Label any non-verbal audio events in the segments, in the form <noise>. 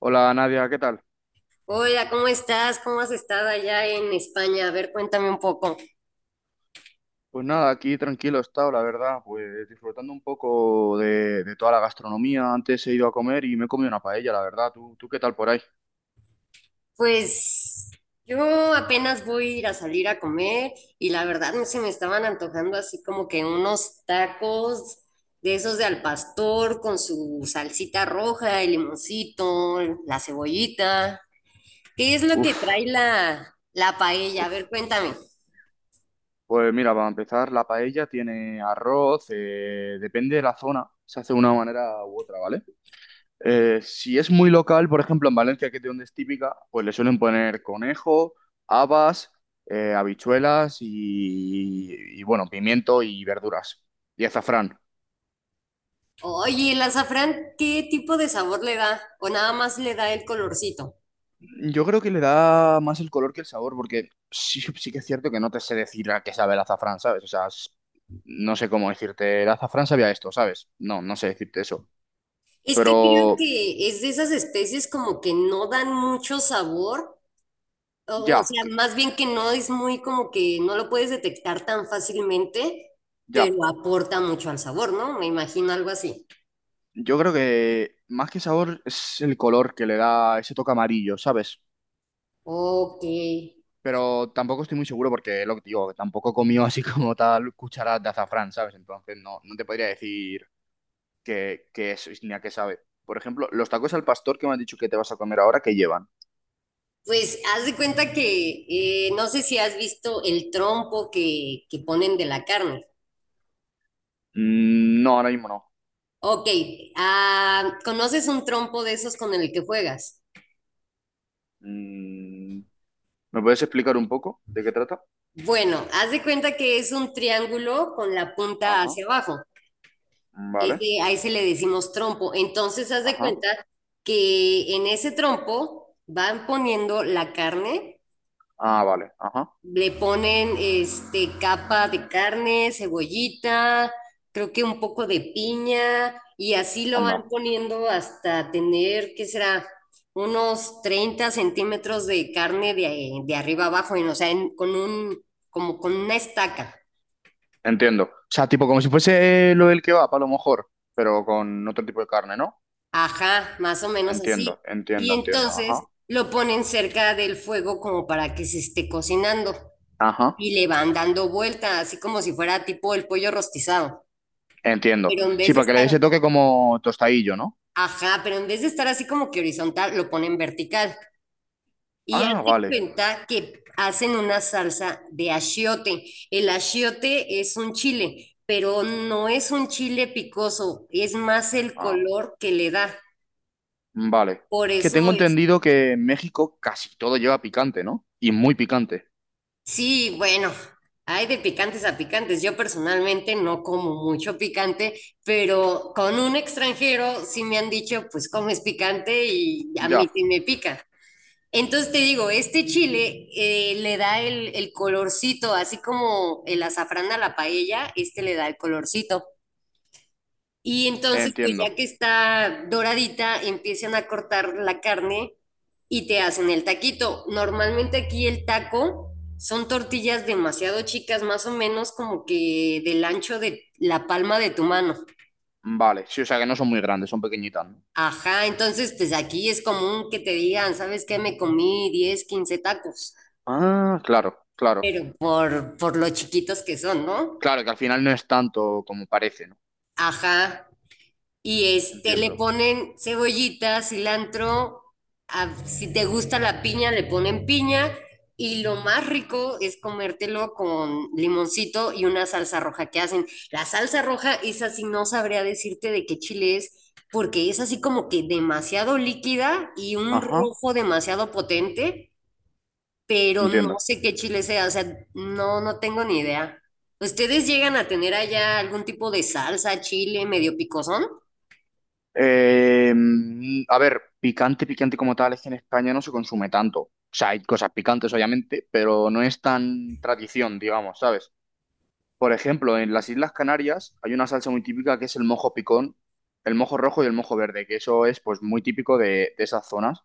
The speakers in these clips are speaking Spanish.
Hola Nadia, ¿qué tal? Hola, ¿cómo estás? ¿Cómo has estado allá en España? A ver, cuéntame un poco. Pues nada, aquí tranquilo he estado, la verdad, pues disfrutando un poco de toda la gastronomía. Antes he ido a comer y me he comido una paella, la verdad. ¿Tú qué tal por ahí? Pues yo apenas voy a ir a salir a comer y la verdad se me estaban antojando así como que unos tacos de esos de al pastor con su salsita roja, el limoncito, la cebollita. ¿Qué es lo que Uf, trae la paella? A ver, uf. cuéntame. Pues mira, para empezar, la paella tiene arroz, depende de la zona, se hace de una manera u otra, ¿vale? Si es muy local, por ejemplo, en Valencia, que es de donde es típica, pues le suelen poner conejo, habas, habichuelas y bueno, pimiento y verduras. Y azafrán. Oye, ¿el azafrán qué tipo de sabor le da? ¿O nada más le da el colorcito? Yo creo que le da más el color que el sabor, porque sí, sí que es cierto que no te sé decir a qué sabe el azafrán, ¿sabes? O sea, no sé cómo decirte, el azafrán sabía esto, ¿sabes? No, no sé decirte eso. Es que creo Pero que es de esas especies como que no dan mucho sabor, o, o ya, sea, más bien que no es muy como que no lo puedes detectar tan fácilmente, ya. pero aporta mucho al sabor, ¿no? Me imagino algo así. Yo creo que más que sabor es el color que le da ese toque amarillo, ¿sabes? Ok, Pero tampoco estoy muy seguro porque lo que te digo, tampoco comió así <laughs> como tal cucharadas de azafrán, ¿sabes? Entonces no te podría decir qué es ni a qué sabe. Por ejemplo, los tacos al pastor que me has dicho que te vas a comer ahora, ¿qué llevan? pues haz de cuenta que no sé si has visto el trompo que ponen de la carne. Mm. No, ahora mismo no. Ok, ¿conoces un trompo de esos con el que juegas? Mm. ¿Me puedes explicar un poco de qué trata? Bueno, haz de cuenta que es un triángulo con la punta Ajá, hacia abajo. vale, Ese, a ese le decimos trompo. Entonces, haz de ajá, cuenta que en ese trompo van poniendo la carne, ah, vale, ajá, le ponen capa de carne, cebollita, creo que un poco de piña, y así lo van onda, poniendo hasta tener, ¿qué será? Unos 30 centímetros de carne de arriba abajo, o sea, como con una estaca. entiendo. O sea, tipo como si fuese lo del kebab a lo mejor, pero con otro tipo de carne, ¿no? Ajá, más o menos así. Entiendo, Y entiendo, entiendo, ajá, entonces lo ponen cerca del fuego como para que se esté cocinando ajá, y le van dando vuelta, así como si fuera tipo el pollo rostizado. entiendo. Pero en Sí, vez de para que le dé ese estar, toque como tostadillo, ¿no? Ajá, pero en vez de estar así como que horizontal, lo ponen vertical. Y Ah, hazte vale, cuenta que hacen una salsa de achiote. El achiote es un chile, pero no es un chile picoso, es más el ah, color que le da. vale. Por Es que eso. tengo entendido que en México casi todo lleva picante, ¿no? Y muy picante. Sí, bueno, hay de picantes a picantes. Yo personalmente no como mucho picante, pero con un extranjero sí me han dicho, pues comes picante y a mí Ya, sí me pica. Entonces te digo, este chile le da el colorcito, así como el azafrán a la paella, este le da el colorcito. Y entonces, pues entiendo. ya que está doradita, empiezan a cortar la carne y te hacen el taquito. Normalmente aquí el taco son tortillas demasiado chicas, más o menos como que del ancho de la palma de tu mano. Vale, sí, o sea que no son muy grandes, son pequeñitas, ¿no? Ajá, entonces pues aquí es común que te digan, ¿sabes qué? Me comí 10, 15 tacos, Ah, claro, claro. pero por lo chiquitos que son, ¿no? Claro, que al final no es tanto como parece, ¿no? Ajá. Y le Entiendo. ponen cebollita, cilantro, si te gusta la piña, le ponen piña. Y lo más rico es comértelo con limoncito y una salsa roja que hacen. La salsa roja, esa sí no sabría decirte de qué chile es, porque es así como que demasiado líquida y un Ajá, rojo demasiado potente, pero no entiendo. sé qué chile sea, o sea, no, no tengo ni idea. ¿Ustedes llegan a tener allá algún tipo de salsa, chile medio picosón? A ver, picante, picante como tal, es que en España no se consume tanto. O sea, hay cosas picantes, obviamente, pero no es tan tradición, digamos, ¿sabes? Por ejemplo, en las Islas Canarias hay una salsa muy típica que es el mojo picón, el mojo rojo y el mojo verde, que eso es pues muy típico de esas zonas.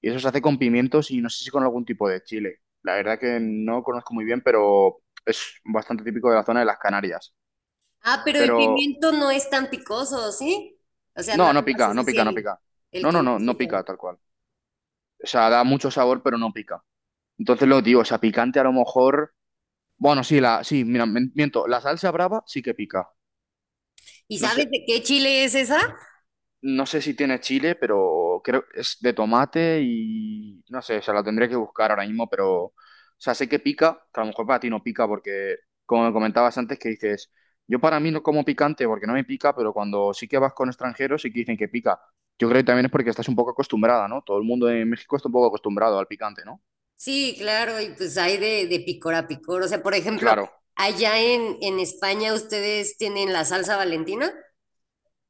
Y eso se hace con pimientos y no sé si con algún tipo de chile. La verdad que no conozco muy bien, pero es bastante típico de la zona de las Canarias. Ah, pero el Pero pimiento no es tan picoso, ¿sí? O sea, no no, no pica, haces no así pica, no el, pica. el No, no, no, no colorcito. pica tal cual. O sea, da mucho sabor, pero no pica. Entonces lo que digo, o sea, picante a lo mejor. Bueno, sí, mira, miento. La salsa brava sí que pica. ¿Y No sé, sabes de qué chile es esa? No sé si tiene chile, pero creo que es de tomate y no sé, o sea, la tendré que buscar ahora mismo, pero, o sea, sé que pica, que a lo mejor para ti no pica porque, como me comentabas antes, que dices, yo para mí no como picante porque no me pica, pero cuando sí que vas con extranjeros sí que dicen que pica. Yo creo que también es porque estás un poco acostumbrada, ¿no? Todo el mundo en México está un poco acostumbrado al picante, ¿no? Sí, claro, y pues hay de picor a picor. O sea, por ejemplo, Claro, allá en España ustedes tienen la salsa Valentina,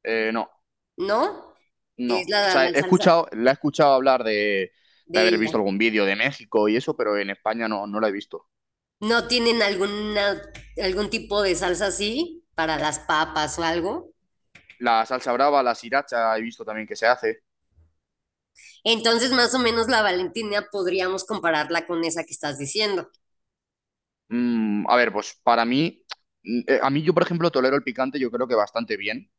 no, ¿no? no. Que es O la, sea, he la salsa escuchado, la he escuchado hablar de de haber visto ella. algún vídeo de México y eso, pero en España no, no la he visto. ¿No tienen algún tipo de salsa así para las papas o algo? La salsa brava, la sriracha, he visto también que se hace. Entonces, más o menos la Valentina podríamos compararla con esa que estás diciendo. A ver, pues para mí, a mí yo, por ejemplo, tolero el picante, yo creo que bastante bien.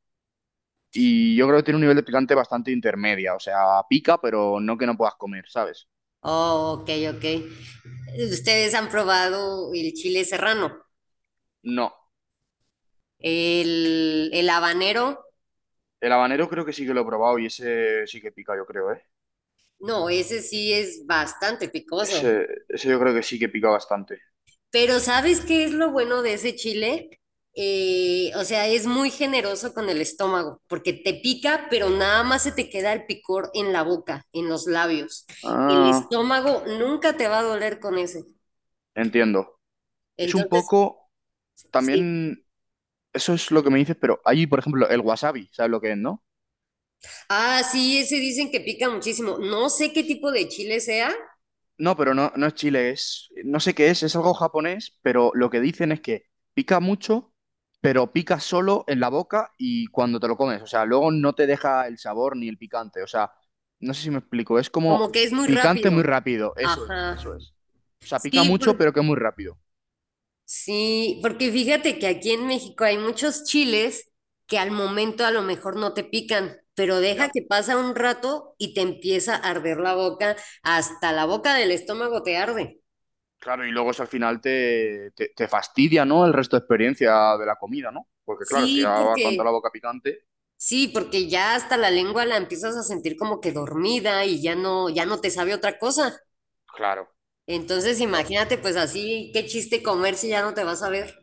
Y yo creo que tiene un nivel de picante bastante intermedia. O sea, pica, pero no que no puedas comer, ¿sabes? Oh, ok, ok. ¿Ustedes han probado el chile serrano? No. El habanero, El habanero creo que sí que lo he probado y ese sí que pica, yo creo, ¿eh? no, ese sí es bastante picoso. Ese yo creo que sí que pica bastante. Pero ¿sabes qué es lo bueno de ese chile? O sea, es muy generoso con el estómago, porque te pica, pero nada más se te queda el picor en la boca, en los labios. El Ah, estómago nunca te va a doler con ese. entiendo. Es un Entonces, poco, sí. también, eso es lo que me dices, pero hay, por ejemplo, el wasabi, ¿sabes lo que es, no? Ah, sí, ese dicen que pica muchísimo. No sé qué tipo de chile sea. No, pero no es chile, no sé qué es algo japonés, pero lo que dicen es que pica mucho, pero pica solo en la boca y cuando te lo comes, o sea, luego no te deja el sabor ni el picante, o sea, no sé si me explico, es Como como que es muy picante muy rápido. rápido, eso es, Ajá. eso es. O sea, pica Sí, mucho, por- pero que muy rápido. sí, porque fíjate que aquí en México hay muchos chiles que al momento a lo mejor no te pican, pero deja Ya. que pasa un rato y te empieza a arder la boca, hasta la boca del estómago te arde. Claro, y luego eso al final te fastidia, ¿no? El resto de experiencia de la comida, ¿no? Porque claro, si ya Sí, va con toda porque la boca picante. sí, porque ya hasta la lengua la empiezas a sentir como que dormida y ya no te sabe otra cosa. Claro, Entonces, claro. imagínate pues así, qué chiste comer si ya no te vas a ver.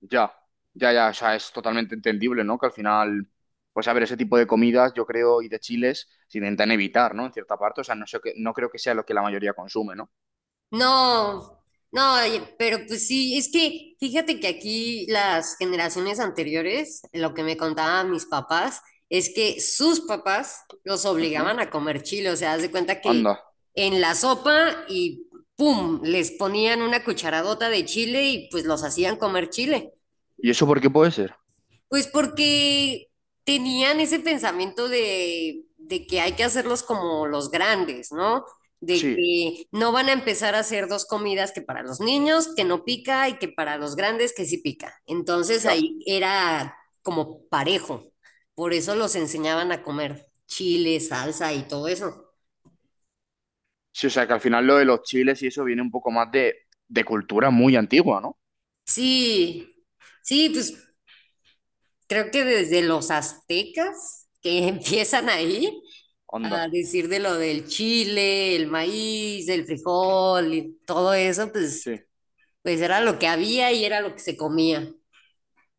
Ya, ya, ya, o sea, es totalmente entendible, ¿no? Que al final, pues a ver, ese tipo de comidas, yo creo, y de chiles, se intentan evitar, ¿no? En cierta parte, o sea, no sé que, no creo que sea lo que la mayoría consume, ¿no? No, no, oye, pero pues sí, es que fíjate que aquí las generaciones anteriores, lo que me contaban mis papás, es que sus papás los Ujú. obligaban a comer chile, o sea, haz de cuenta que Anda. en la sopa y pum, les ponían una cucharadota de chile y pues los hacían comer chile. ¿Y eso por qué puede ser? Pues porque tenían ese pensamiento de que hay que hacerlos como los grandes, ¿no? De Sí, que no van a empezar a hacer dos comidas que para los niños, que no pica, y que para los grandes, que sí pica. Entonces ya. ahí era como parejo. Por eso los enseñaban a comer chile, salsa y todo eso. Sí, o sea, que al final lo de los chiles y eso viene un poco más de cultura muy antigua, ¿no? Sí, sí, pues creo que desde los aztecas que <laughs> empiezan ahí a Anda. decir de lo del chile, el maíz, el frijol y todo eso, pues, Sí. pues era lo que había y era lo que se comía.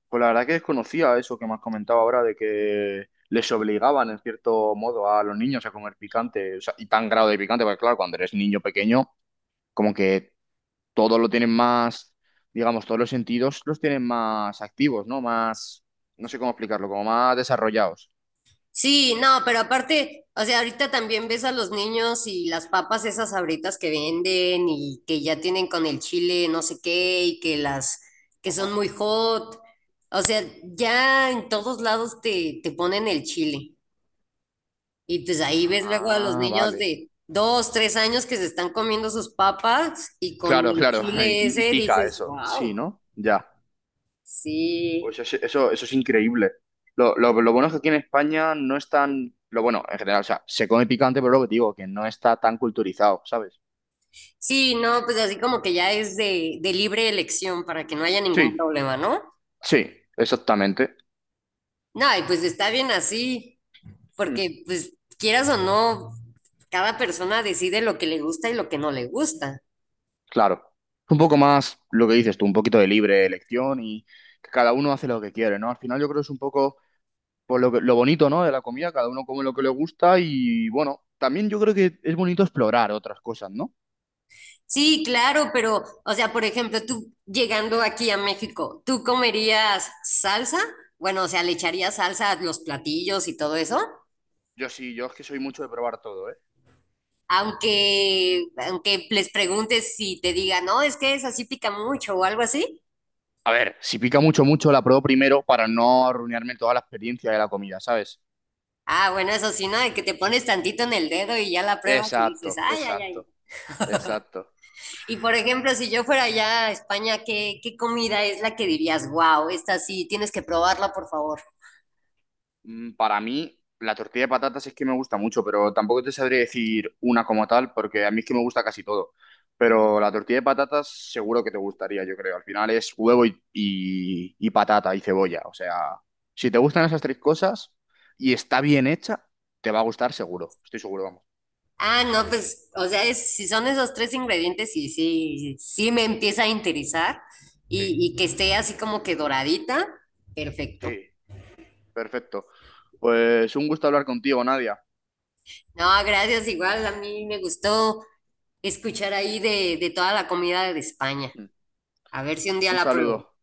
Pues la verdad que desconocía eso que me has comentado ahora de que les obligaban, en cierto modo, a los niños a comer picante, o sea, y tan grado de picante, porque claro, cuando eres niño pequeño como que todos lo tienen más, digamos, todos los sentidos los tienen más activos, ¿no? Más, no sé cómo explicarlo, como más desarrollados. Sí, no, pero aparte, o sea, ahorita también ves a los niños y las papas esas abritas que venden y que ya tienen con el chile no sé qué y que las que Ajá. son muy hot. O sea, ya en Sí. todos lados te ponen el chile. Y pues ahí ves luego a los Ah, niños vale. de 2, 3 años que se están comiendo sus papas y con Claro, el claro. <laughs> chile Y ese pica dices, eso. Sí, wow, ¿no? Ya. sí. Pues eso es increíble. Lo bueno es que aquí en España no es tan... Lo bueno, en general, o sea, se come picante, pero lo que te digo, que no está tan culturizado, ¿sabes? Sí, no, pues así como que ya es de libre elección para que no haya ningún Sí, problema, ¿no? sí, exactamente. No, y pues está bien así, porque pues quieras o no, cada persona decide lo que le gusta y lo que no le gusta. Claro, un poco más lo que dices tú, un poquito de libre elección y que cada uno hace lo que quiere, ¿no? Al final yo creo que es un poco pues, lo bonito, ¿no? De la comida, cada uno come lo que le gusta y bueno, también yo creo que es bonito explorar otras cosas, ¿no? Sí, claro, pero, o sea, por ejemplo, tú llegando aquí a México, ¿tú comerías salsa? Bueno, o sea, ¿le echarías salsa a los platillos y todo eso? Yo sí, yo es que soy mucho de probar todo, ¿eh? Aunque les preguntes si te digan, no, es que esa sí pica mucho o algo así. A ver, si pica mucho, mucho, la pruebo primero para no arruinarme toda la experiencia de la comida, ¿sabes? Ah, bueno, eso sí, ¿no? De que te pones tantito en el dedo y ya la pruebas y Exacto, dices, ay, ay, exacto, ay. exacto. Y por ejemplo, si yo fuera allá a España, ¿qué comida es la que dirías, wow, esta sí, tienes que probarla, por favor? Mm. Para mí, la tortilla de patatas es que me gusta mucho, pero tampoco te sabría decir una como tal, porque a mí es que me gusta casi todo. Pero la tortilla de patatas seguro que te gustaría, yo creo. Al final es huevo y patata y cebolla. O sea, si te gustan esas tres cosas y está bien hecha, te va a gustar seguro. Estoy seguro, vamos. Ah, no, pues, o sea, si son esos tres ingredientes, sí, sí, sí me empieza a interesar y, Sí, y que esté así como que doradita, perfecto. sí. Perfecto. Pues un gusto hablar contigo, Nadia. No, gracias, igual a mí me gustó escuchar ahí de toda la comida de España. Mm. A ver si un día Un la pruebo. saludo.